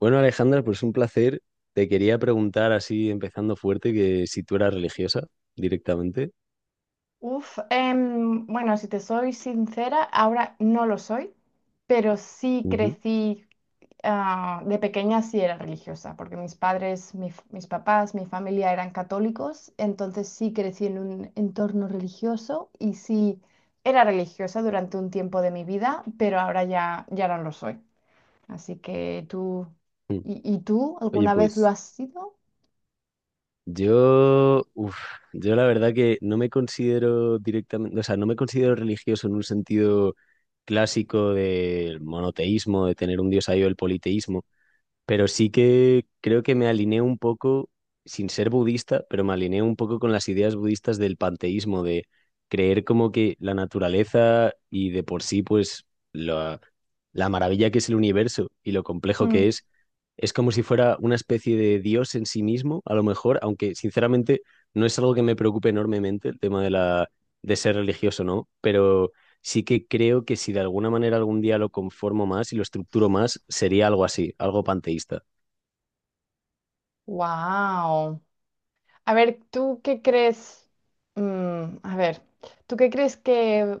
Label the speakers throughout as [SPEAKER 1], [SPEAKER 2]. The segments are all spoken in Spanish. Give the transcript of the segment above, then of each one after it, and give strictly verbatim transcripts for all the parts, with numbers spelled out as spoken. [SPEAKER 1] Bueno, Alejandra, pues un placer. Te quería preguntar así, empezando fuerte, que si tú eras religiosa directamente.
[SPEAKER 2] Uf, em, bueno, si te soy sincera, ahora no lo soy, pero sí
[SPEAKER 1] Ujú.
[SPEAKER 2] crecí, ah, de pequeña sí era religiosa, porque mis padres, mi f- mis papás, mi familia eran católicos, entonces sí crecí en un entorno religioso y sí era religiosa durante un tiempo de mi vida, pero ahora ya, ya no lo soy. Así que tú,
[SPEAKER 1] Mm.
[SPEAKER 2] ¿y, y tú
[SPEAKER 1] Oye,
[SPEAKER 2] alguna vez lo
[SPEAKER 1] pues
[SPEAKER 2] has sido?
[SPEAKER 1] yo, uf, yo la verdad que no me considero directamente, o sea, no me considero religioso en un sentido clásico del monoteísmo, de tener un dios ahí o el politeísmo. Pero sí que creo que me alineé un poco, sin ser budista, pero me alineé un poco con las ideas budistas del panteísmo, de creer como que la naturaleza y de por sí, pues, la, la maravilla que es el universo y lo complejo que es, es como si fuera una especie de Dios en sí mismo, a lo mejor, aunque sinceramente no es algo que me preocupe enormemente el tema de la, de ser religioso, ¿no? Pero sí que creo que si de alguna manera algún día lo conformo más y lo estructuro más, sería algo así, algo panteísta.
[SPEAKER 2] Wow. A ver, ¿tú qué crees? Mm, a ver, ¿tú qué crees que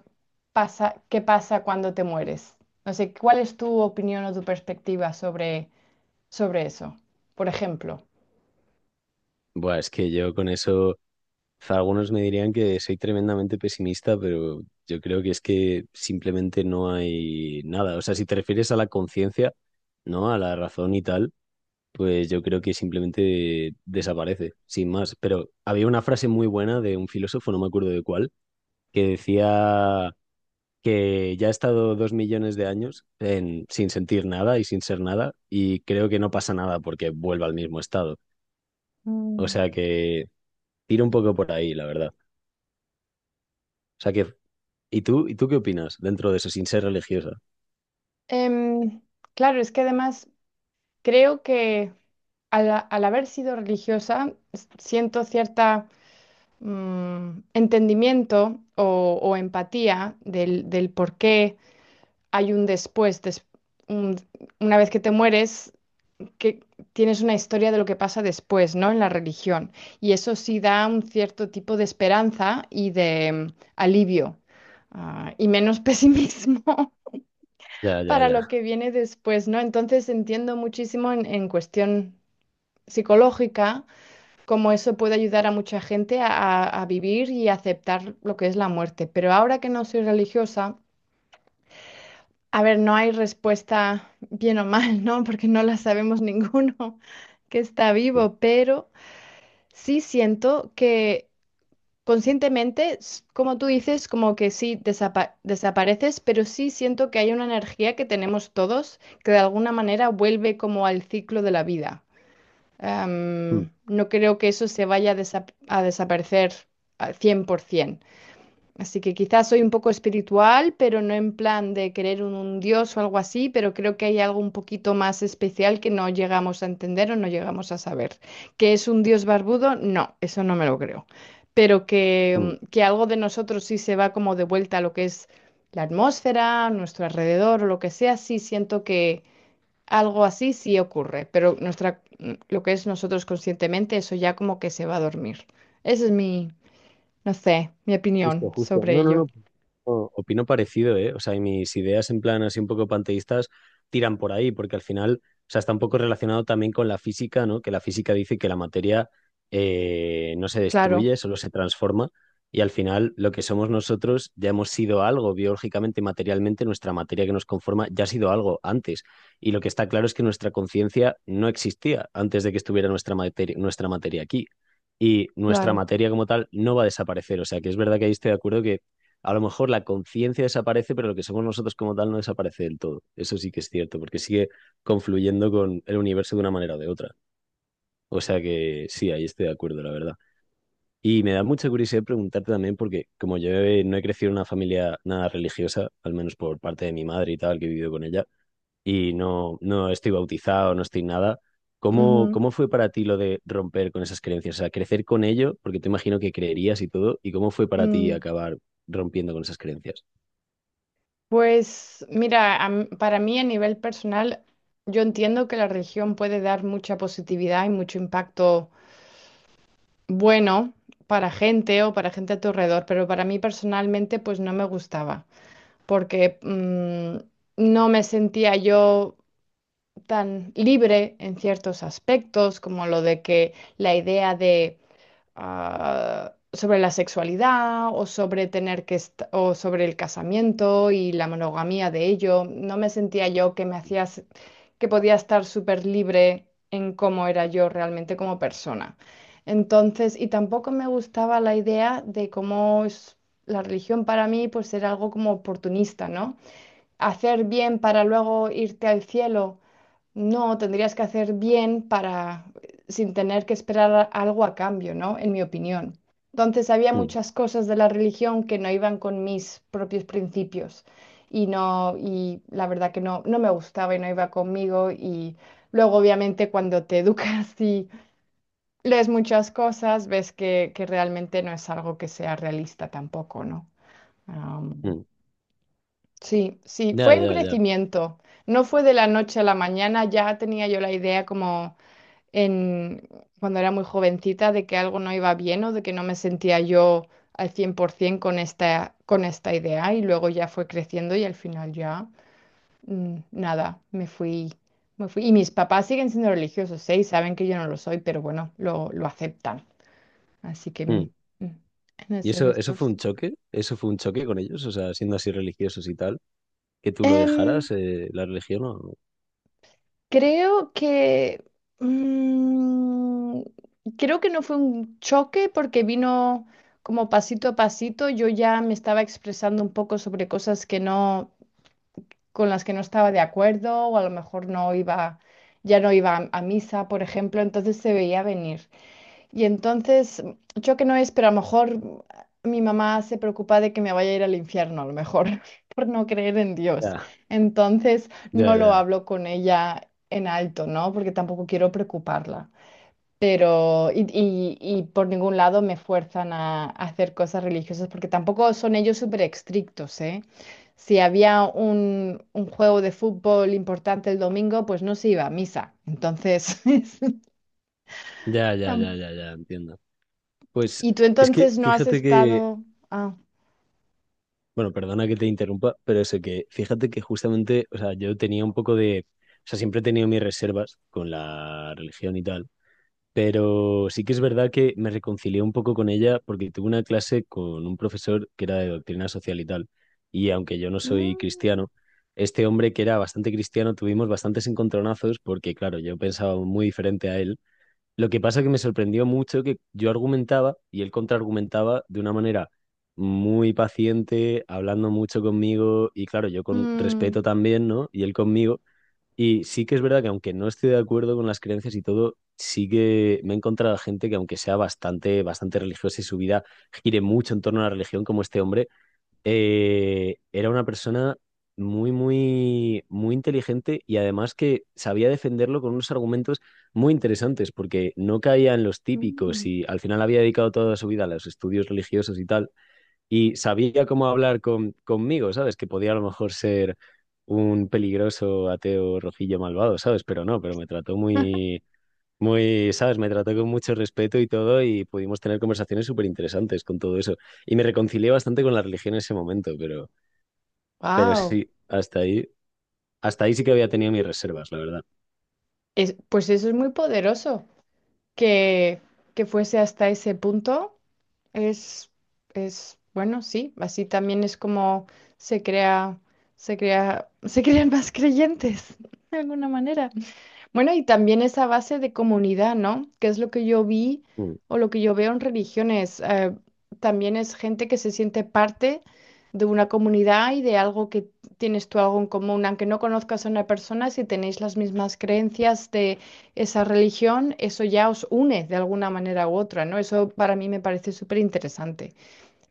[SPEAKER 2] pasa, que pasa cuando te mueres? No sé, ¿cuál es tu opinión o tu perspectiva sobre, sobre eso? Por ejemplo.
[SPEAKER 1] Buah, es que yo con eso, algunos me dirían que soy tremendamente pesimista, pero yo creo que es que simplemente no hay nada. O sea, si te refieres a la conciencia, ¿no? A la razón y tal, pues yo creo que simplemente desaparece, sin más. Pero había una frase muy buena de un filósofo, no me acuerdo de cuál, que decía que ya ha estado dos millones de años en- sin sentir nada y sin ser nada, y creo que no pasa nada porque vuelva al mismo estado. O sea
[SPEAKER 2] Mm.
[SPEAKER 1] que tira un poco por ahí, la verdad. O sea que, ¿y tú, y tú qué opinas dentro de eso sin ser religiosa?
[SPEAKER 2] Em, claro, es que además creo que al, a- al haber sido religiosa s- siento cierta mm, entendimiento o, o empatía del, del por qué hay un después, des- un- una vez que te mueres, que tienes una historia de lo que pasa después, ¿no? En la religión. Y eso sí da un cierto tipo de esperanza y de mm, alivio, ah, y menos pesimismo
[SPEAKER 1] Ya, ya,
[SPEAKER 2] para lo
[SPEAKER 1] ya.
[SPEAKER 2] que viene después, ¿no? Entonces entiendo muchísimo en, en cuestión psicológica cómo eso puede ayudar a mucha gente a, a- a vivir y aceptar lo que es la muerte. Pero ahora que no soy religiosa, a ver, no hay respuesta bien o mal, ¿no? Porque no la sabemos ninguno que está
[SPEAKER 1] Mm,
[SPEAKER 2] vivo, pero... Sí siento que conscientemente, s- como tú dices, como que sí desapa- desapareces, pero sí siento que hay una energía que tenemos todos que de alguna manera vuelve como al ciclo de la vida.
[SPEAKER 1] mm,
[SPEAKER 2] Am, no creo que eso se vaya a, desa- a desaparecer al cien por ciento. Así que quizás soy un poco espiritual, pero no en plan de querer un, un dios o algo así, pero creo que hay algo un poquito más especial que no llegamos a entender o no llegamos a saber. ¿Que es un dios barbudo? No, eso no me lo creo. Pero
[SPEAKER 1] mm.
[SPEAKER 2] que, mm, que algo de nosotros sí se va como de vuelta a lo que es la atmósfera, nuestro alrededor o lo que sea, sí siento que algo así sí ocurre, pero nuestra, mm, lo que es nosotros conscientemente, eso ya como que se va a dormir. Esa es mi, no sé, mi
[SPEAKER 1] Justo,
[SPEAKER 2] opinión
[SPEAKER 1] justo.
[SPEAKER 2] sobre
[SPEAKER 1] No, no,
[SPEAKER 2] ello.
[SPEAKER 1] no. o- Opino parecido, ¿eh? O sea, y mis ideas en plan así un poco panteístas tiran por ahí, porque al final, o sea, está un poco relacionado también con la física, ¿no? Que la física dice que la materia eh, no se
[SPEAKER 2] Claro,
[SPEAKER 1] destruye, solo se transforma, y al final lo que somos nosotros ya hemos sido algo biológicamente, materialmente, nuestra materia que nos conforma ya ha sido algo antes. Y lo que está claro es que nuestra conciencia no existía antes de que estuviera nuestra materia, nuestra materia aquí y nuestra
[SPEAKER 2] claro.
[SPEAKER 1] materia como tal no va a desaparecer. O sea, que es verdad que ahí estoy de acuerdo que a lo mejor la conciencia desaparece, pero lo que somos nosotros como tal no desaparece del todo. Eso sí que es cierto, porque sigue confluyendo con el universo de una manera o de otra. O sea que sí, ahí estoy de acuerdo, la verdad. Y me da mucha curiosidad preguntarte también, porque como yo he- no he crecido en una familia nada religiosa, al menos por parte de mi madre y tal, que he vivido con ella, y no, no estoy bautizado, no estoy nada. ¿Cómo,
[SPEAKER 2] Ujú.
[SPEAKER 1] cómo fue para ti lo de romper con esas creencias? O sea, crecer con ello, porque te imagino que creerías y todo, ¿y cómo fue para ti
[SPEAKER 2] Mm.
[SPEAKER 1] acabar rompiendo con esas creencias?
[SPEAKER 2] Pues mira, am- para mí a nivel personal, yo entiendo que la religión puede dar mucha positividad y mucho impacto bueno para gente o para gente a tu alrededor, pero para mí personalmente pues no me gustaba, porque mm, no me sentía yo tan libre en ciertos aspectos, como lo de que la idea de... ah, sobre la sexualidad o sobre tener que est- o sobre el casamiento y la monogamia de ello. No me sentía yo que me hacías que podía estar súper libre en cómo era yo realmente como persona. Entonces, y tampoco me gustaba la idea de cómo es la religión para mí, pues era algo como oportunista, ¿no? Hacer bien para luego irte al cielo. No, tendrías que hacer bien para, sin tener que esperar a- algo a cambio, ¿no? En mi opinión. Entonces había
[SPEAKER 1] Mm,
[SPEAKER 2] muchas cosas de la religión que no iban con mis propios principios y no, y la verdad que no, no me gustaba y no iba conmigo y luego obviamente cuando te educas y lees muchas cosas, ves que, que realmente no es algo que sea realista tampoco, ¿no? Am,
[SPEAKER 1] mm.
[SPEAKER 2] sí, sí,
[SPEAKER 1] Ya,
[SPEAKER 2] fue un
[SPEAKER 1] ya, ya.
[SPEAKER 2] crecimiento. No fue de la noche a la mañana, ya tenía yo la idea como en, cuando era muy jovencita de que algo no iba bien o de que no me sentía yo al cien por ciento con esta, con esta idea y luego ya fue creciendo y al final ya mm, nada, me fui, me fui. Y mis papás siguen siendo religiosos, ¿eh? Y saben que yo no lo soy, pero bueno, lo, lo aceptan. Así que
[SPEAKER 1] Mm.
[SPEAKER 2] men- mm, en
[SPEAKER 1] ¿Y
[SPEAKER 2] ese
[SPEAKER 1] eso, eso
[SPEAKER 2] gestor
[SPEAKER 1] fue un
[SPEAKER 2] sí.
[SPEAKER 1] choque? ¿Eso fue un choque con ellos? O sea, siendo así religiosos y tal, que tú lo dejaras, eh, la religión o...
[SPEAKER 2] Creo que... mm, creo que no fue un choque porque vino como pasito a pasito. Yo ya me estaba expresando un poco sobre cosas que no, con las que no estaba de acuerdo o a lo mejor no iba, ya no iba a, a misa, por ejemplo. Entonces se veía venir. Y entonces, yo que no es, pero a lo mejor mi mamá se preocupa de que me vaya a ir al infierno, a lo mejor, por no creer en Dios.
[SPEAKER 1] Ya,
[SPEAKER 2] Entonces,
[SPEAKER 1] ya,
[SPEAKER 2] no lo
[SPEAKER 1] ya.
[SPEAKER 2] hablo con ella en alto, ¿no? Porque tampoco quiero preocuparla. Pero, y, y- y por ningún lado me fuerzan a, a hacer cosas religiosas, porque tampoco son ellos súper estrictos, ¿eh? Si había un, un juego de fútbol importante el domingo, pues no se iba a misa. Entonces,
[SPEAKER 1] Ya, ya, ya, ya, ya, entiendo. Pues
[SPEAKER 2] ¿Y tú
[SPEAKER 1] es que
[SPEAKER 2] entonces no has
[SPEAKER 1] fíjate que
[SPEAKER 2] estado... Ah.
[SPEAKER 1] bueno, perdona que te interrumpa, pero eso que, fíjate que justamente, o sea, yo tenía un poco de, o sea, siempre he tenido mis reservas con la religión y tal, pero sí que es verdad que me reconcilié un poco con ella porque tuve una clase con un profesor que era de doctrina social y tal, y aunque yo no soy
[SPEAKER 2] Mm.
[SPEAKER 1] cristiano, este hombre que era bastante cristiano, tuvimos bastantes encontronazos porque, claro, yo pensaba muy diferente a él, lo que pasa que me sorprendió mucho que yo argumentaba y él contraargumentaba de una manera muy paciente, hablando mucho conmigo y claro, yo con
[SPEAKER 2] Mm.
[SPEAKER 1] respeto también, ¿no? Y él conmigo. Y sí que es verdad que aunque no esté de acuerdo con las creencias y todo, sí que me he encontrado gente que aunque sea bastante, bastante religiosa y su vida gire mucho en torno a la religión como este hombre, eh, era una persona muy, muy, muy inteligente y además que sabía defenderlo con unos argumentos muy interesantes, porque no caía en los típicos
[SPEAKER 2] Mm.
[SPEAKER 1] y al final había dedicado toda su vida a los estudios religiosos y tal, y sabía cómo hablar con, conmigo, ¿sabes? Que podía a lo mejor ser un peligroso ateo rojillo malvado, ¿sabes? Pero no, pero me trató muy muy, sabes, me trató con mucho respeto y todo y pudimos tener conversaciones súper interesantes con todo eso. Y me reconcilié bastante con la religión en ese momento, pero, pero
[SPEAKER 2] Wow.
[SPEAKER 1] sí, hasta ahí, hasta ahí sí que había tenido mis reservas, la verdad.
[SPEAKER 2] Pues eso es muy poderoso. Que, que fuese hasta ese punto es, es, bueno, sí, así también es como se crea, se crea, se crean más creyentes, de alguna manera. Bueno, y también esa base de comunidad, ¿no? Que es lo que yo vi
[SPEAKER 1] Mm,
[SPEAKER 2] o lo que yo veo en religiones. Eh, también es gente que se siente parte de una comunidad y de algo que tienes tú algo en común. Aunque no conozcas a una persona, si tenéis las mismas creencias de esa religión, eso ya os une de alguna manera u otra, ¿no? Eso para mí me parece súper interesante.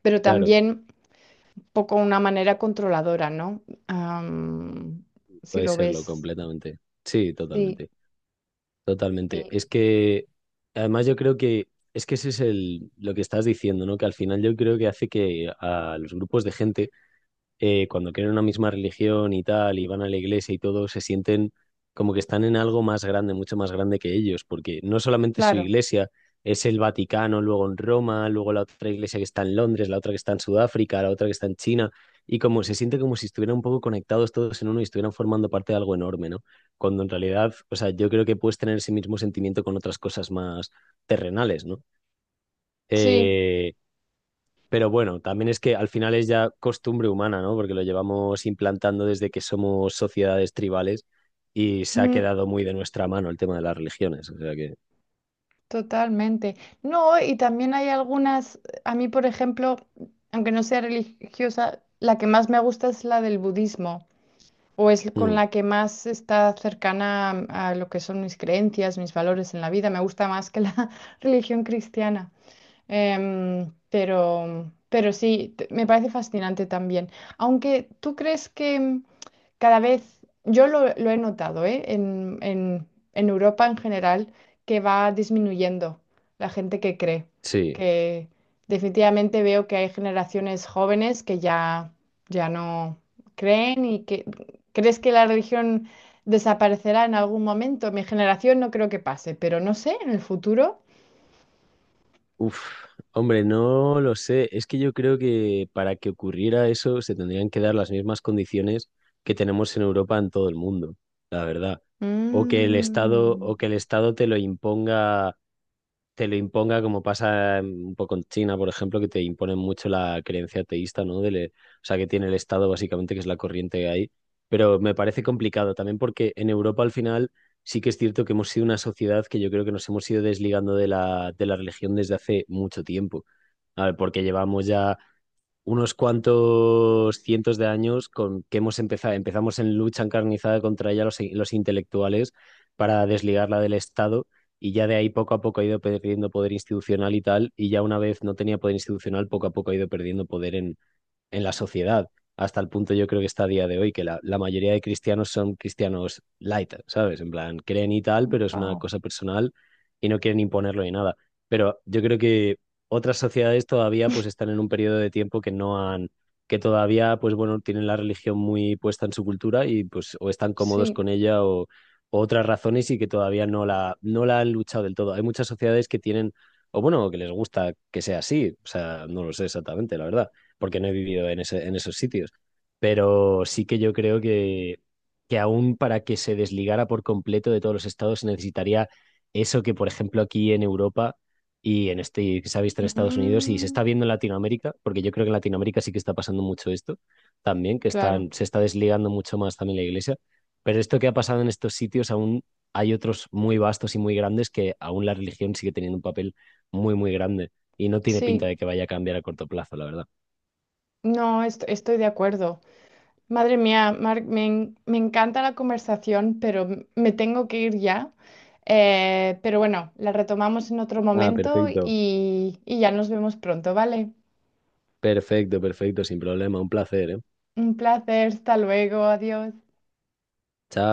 [SPEAKER 2] Pero
[SPEAKER 1] claro,
[SPEAKER 2] también un poco una manera controladora, ¿no? Am, si
[SPEAKER 1] puede
[SPEAKER 2] lo
[SPEAKER 1] serlo
[SPEAKER 2] ves.
[SPEAKER 1] completamente. Sí,
[SPEAKER 2] Sí,
[SPEAKER 1] totalmente, totalmente.
[SPEAKER 2] sí,
[SPEAKER 1] Es que, además yo creo que, es que ese es el, lo que estás diciendo, ¿no? Que al final yo creo que hace que a los grupos de gente eh, cuando quieren una misma religión y tal, y van a la iglesia y todo, se sienten como que están en algo más grande, mucho más grande que ellos, porque no solamente es su
[SPEAKER 2] claro.
[SPEAKER 1] iglesia, es el Vaticano, luego en Roma, luego la otra iglesia que está en Londres, la otra que está en Sudáfrica, la otra que está en China, y como se siente como si estuvieran un poco conectados todos en uno y estuvieran formando parte de algo enorme, ¿no? Cuando en realidad, o sea, yo creo que puedes tener ese mismo sentimiento con otras cosas más terrenales, ¿no?
[SPEAKER 2] Sí.
[SPEAKER 1] Eh, pero bueno, también es que al final es ya costumbre humana, ¿no? Porque lo llevamos implantando desde que somos sociedades tribales y se ha
[SPEAKER 2] Mm,
[SPEAKER 1] quedado muy de nuestra mano el tema de las religiones. O sea que,
[SPEAKER 2] Totalmente. No, y también hay algunas, a mí, por ejemplo, aunque no sea religiosa, la que más me gusta es la del budismo, o es con
[SPEAKER 1] mm,
[SPEAKER 2] la que más está cercana a, a lo que son mis creencias, mis valores en la vida. Me gusta más que la religión cristiana. Em, pero, pero sí, te- me parece fascinante también. Aunque tú crees que mm, cada vez, yo lo, lo he notado, ¿eh? En, en, en Europa en general, que va disminuyendo la gente que cree,
[SPEAKER 1] sí.
[SPEAKER 2] que definitivamente veo que hay generaciones jóvenes que ya, ya no creen y que crees que la religión desaparecerá en algún momento. Mi generación no creo que pase, pero no sé, en el futuro.
[SPEAKER 1] Uf, hombre, no lo sé. Es que yo creo que para que ocurriera eso se tendrían que dar las mismas condiciones que tenemos en Europa en todo el mundo, la verdad. O que el Estado,
[SPEAKER 2] Mm.
[SPEAKER 1] o que el Estado te lo imponga, te lo imponga, como pasa en- un poco en China, por ejemplo, que te imponen mucho la creencia ateísta, ¿no? Del- o sea, que tiene el Estado, básicamente, que es la corriente que hay. Pero me parece complicado también porque en Europa, al final, sí que es cierto que hemos sido una sociedad que yo creo que nos hemos ido desligando de la, de la religión desde hace mucho tiempo. A ver, porque llevamos ya unos cuantos cientos de años con que hemos empezado, empezamos en lucha encarnizada contra ella los, los intelectuales para desligarla del Estado y ya de ahí poco a poco ha ido perdiendo poder institucional y tal, y ya una vez no tenía poder institucional, poco a poco ha ido perdiendo poder en, en la sociedad, hasta el punto yo creo que está a día de hoy, que la, la mayoría de cristianos son cristianos light, ¿sabes? En plan, creen y tal, pero es una
[SPEAKER 2] Wow.
[SPEAKER 1] cosa personal y no quieren imponerlo ni nada. Pero yo creo que otras sociedades todavía pues están en un periodo de tiempo que no han, que todavía pues bueno, tienen la religión muy puesta en su cultura y pues o están cómodos
[SPEAKER 2] Sí.
[SPEAKER 1] con ella o, o otras razones y que todavía no la, no la han luchado del todo. Hay muchas sociedades que tienen, o bueno, que les gusta que sea así, o sea, no lo sé exactamente, la verdad porque no he vivido en, ese, en esos sitios. Pero sí que yo creo que, que aún para que se desligara por completo de todos los estados se necesitaría eso que, por ejemplo, aquí en Europa y en este y que se ha visto en Estados Unidos y se
[SPEAKER 2] Mm,
[SPEAKER 1] está viendo en Latinoamérica, porque yo creo que en Latinoamérica sí que está pasando mucho esto también, que
[SPEAKER 2] claro.
[SPEAKER 1] están, se está desligando mucho más también la iglesia. Pero esto que ha pasado en estos sitios aún hay otros muy vastos y muy grandes que aún la religión sigue teniendo un papel muy, muy grande y no tiene pinta
[SPEAKER 2] Sí.
[SPEAKER 1] de que vaya a cambiar a corto plazo, la verdad.
[SPEAKER 2] No, est- estoy de acuerdo. Madre mía, Marc, me, en- me encanta la conversación, pero m- me tengo que ir ya. Eh, pero bueno, la retomamos en otro
[SPEAKER 1] Ah,
[SPEAKER 2] momento
[SPEAKER 1] perfecto.
[SPEAKER 2] y, y ya nos vemos pronto, ¿vale?
[SPEAKER 1] Perfecto, perfecto, sin problema. Un placer, ¿eh?
[SPEAKER 2] Un placer, hasta luego, adiós.
[SPEAKER 1] Chao.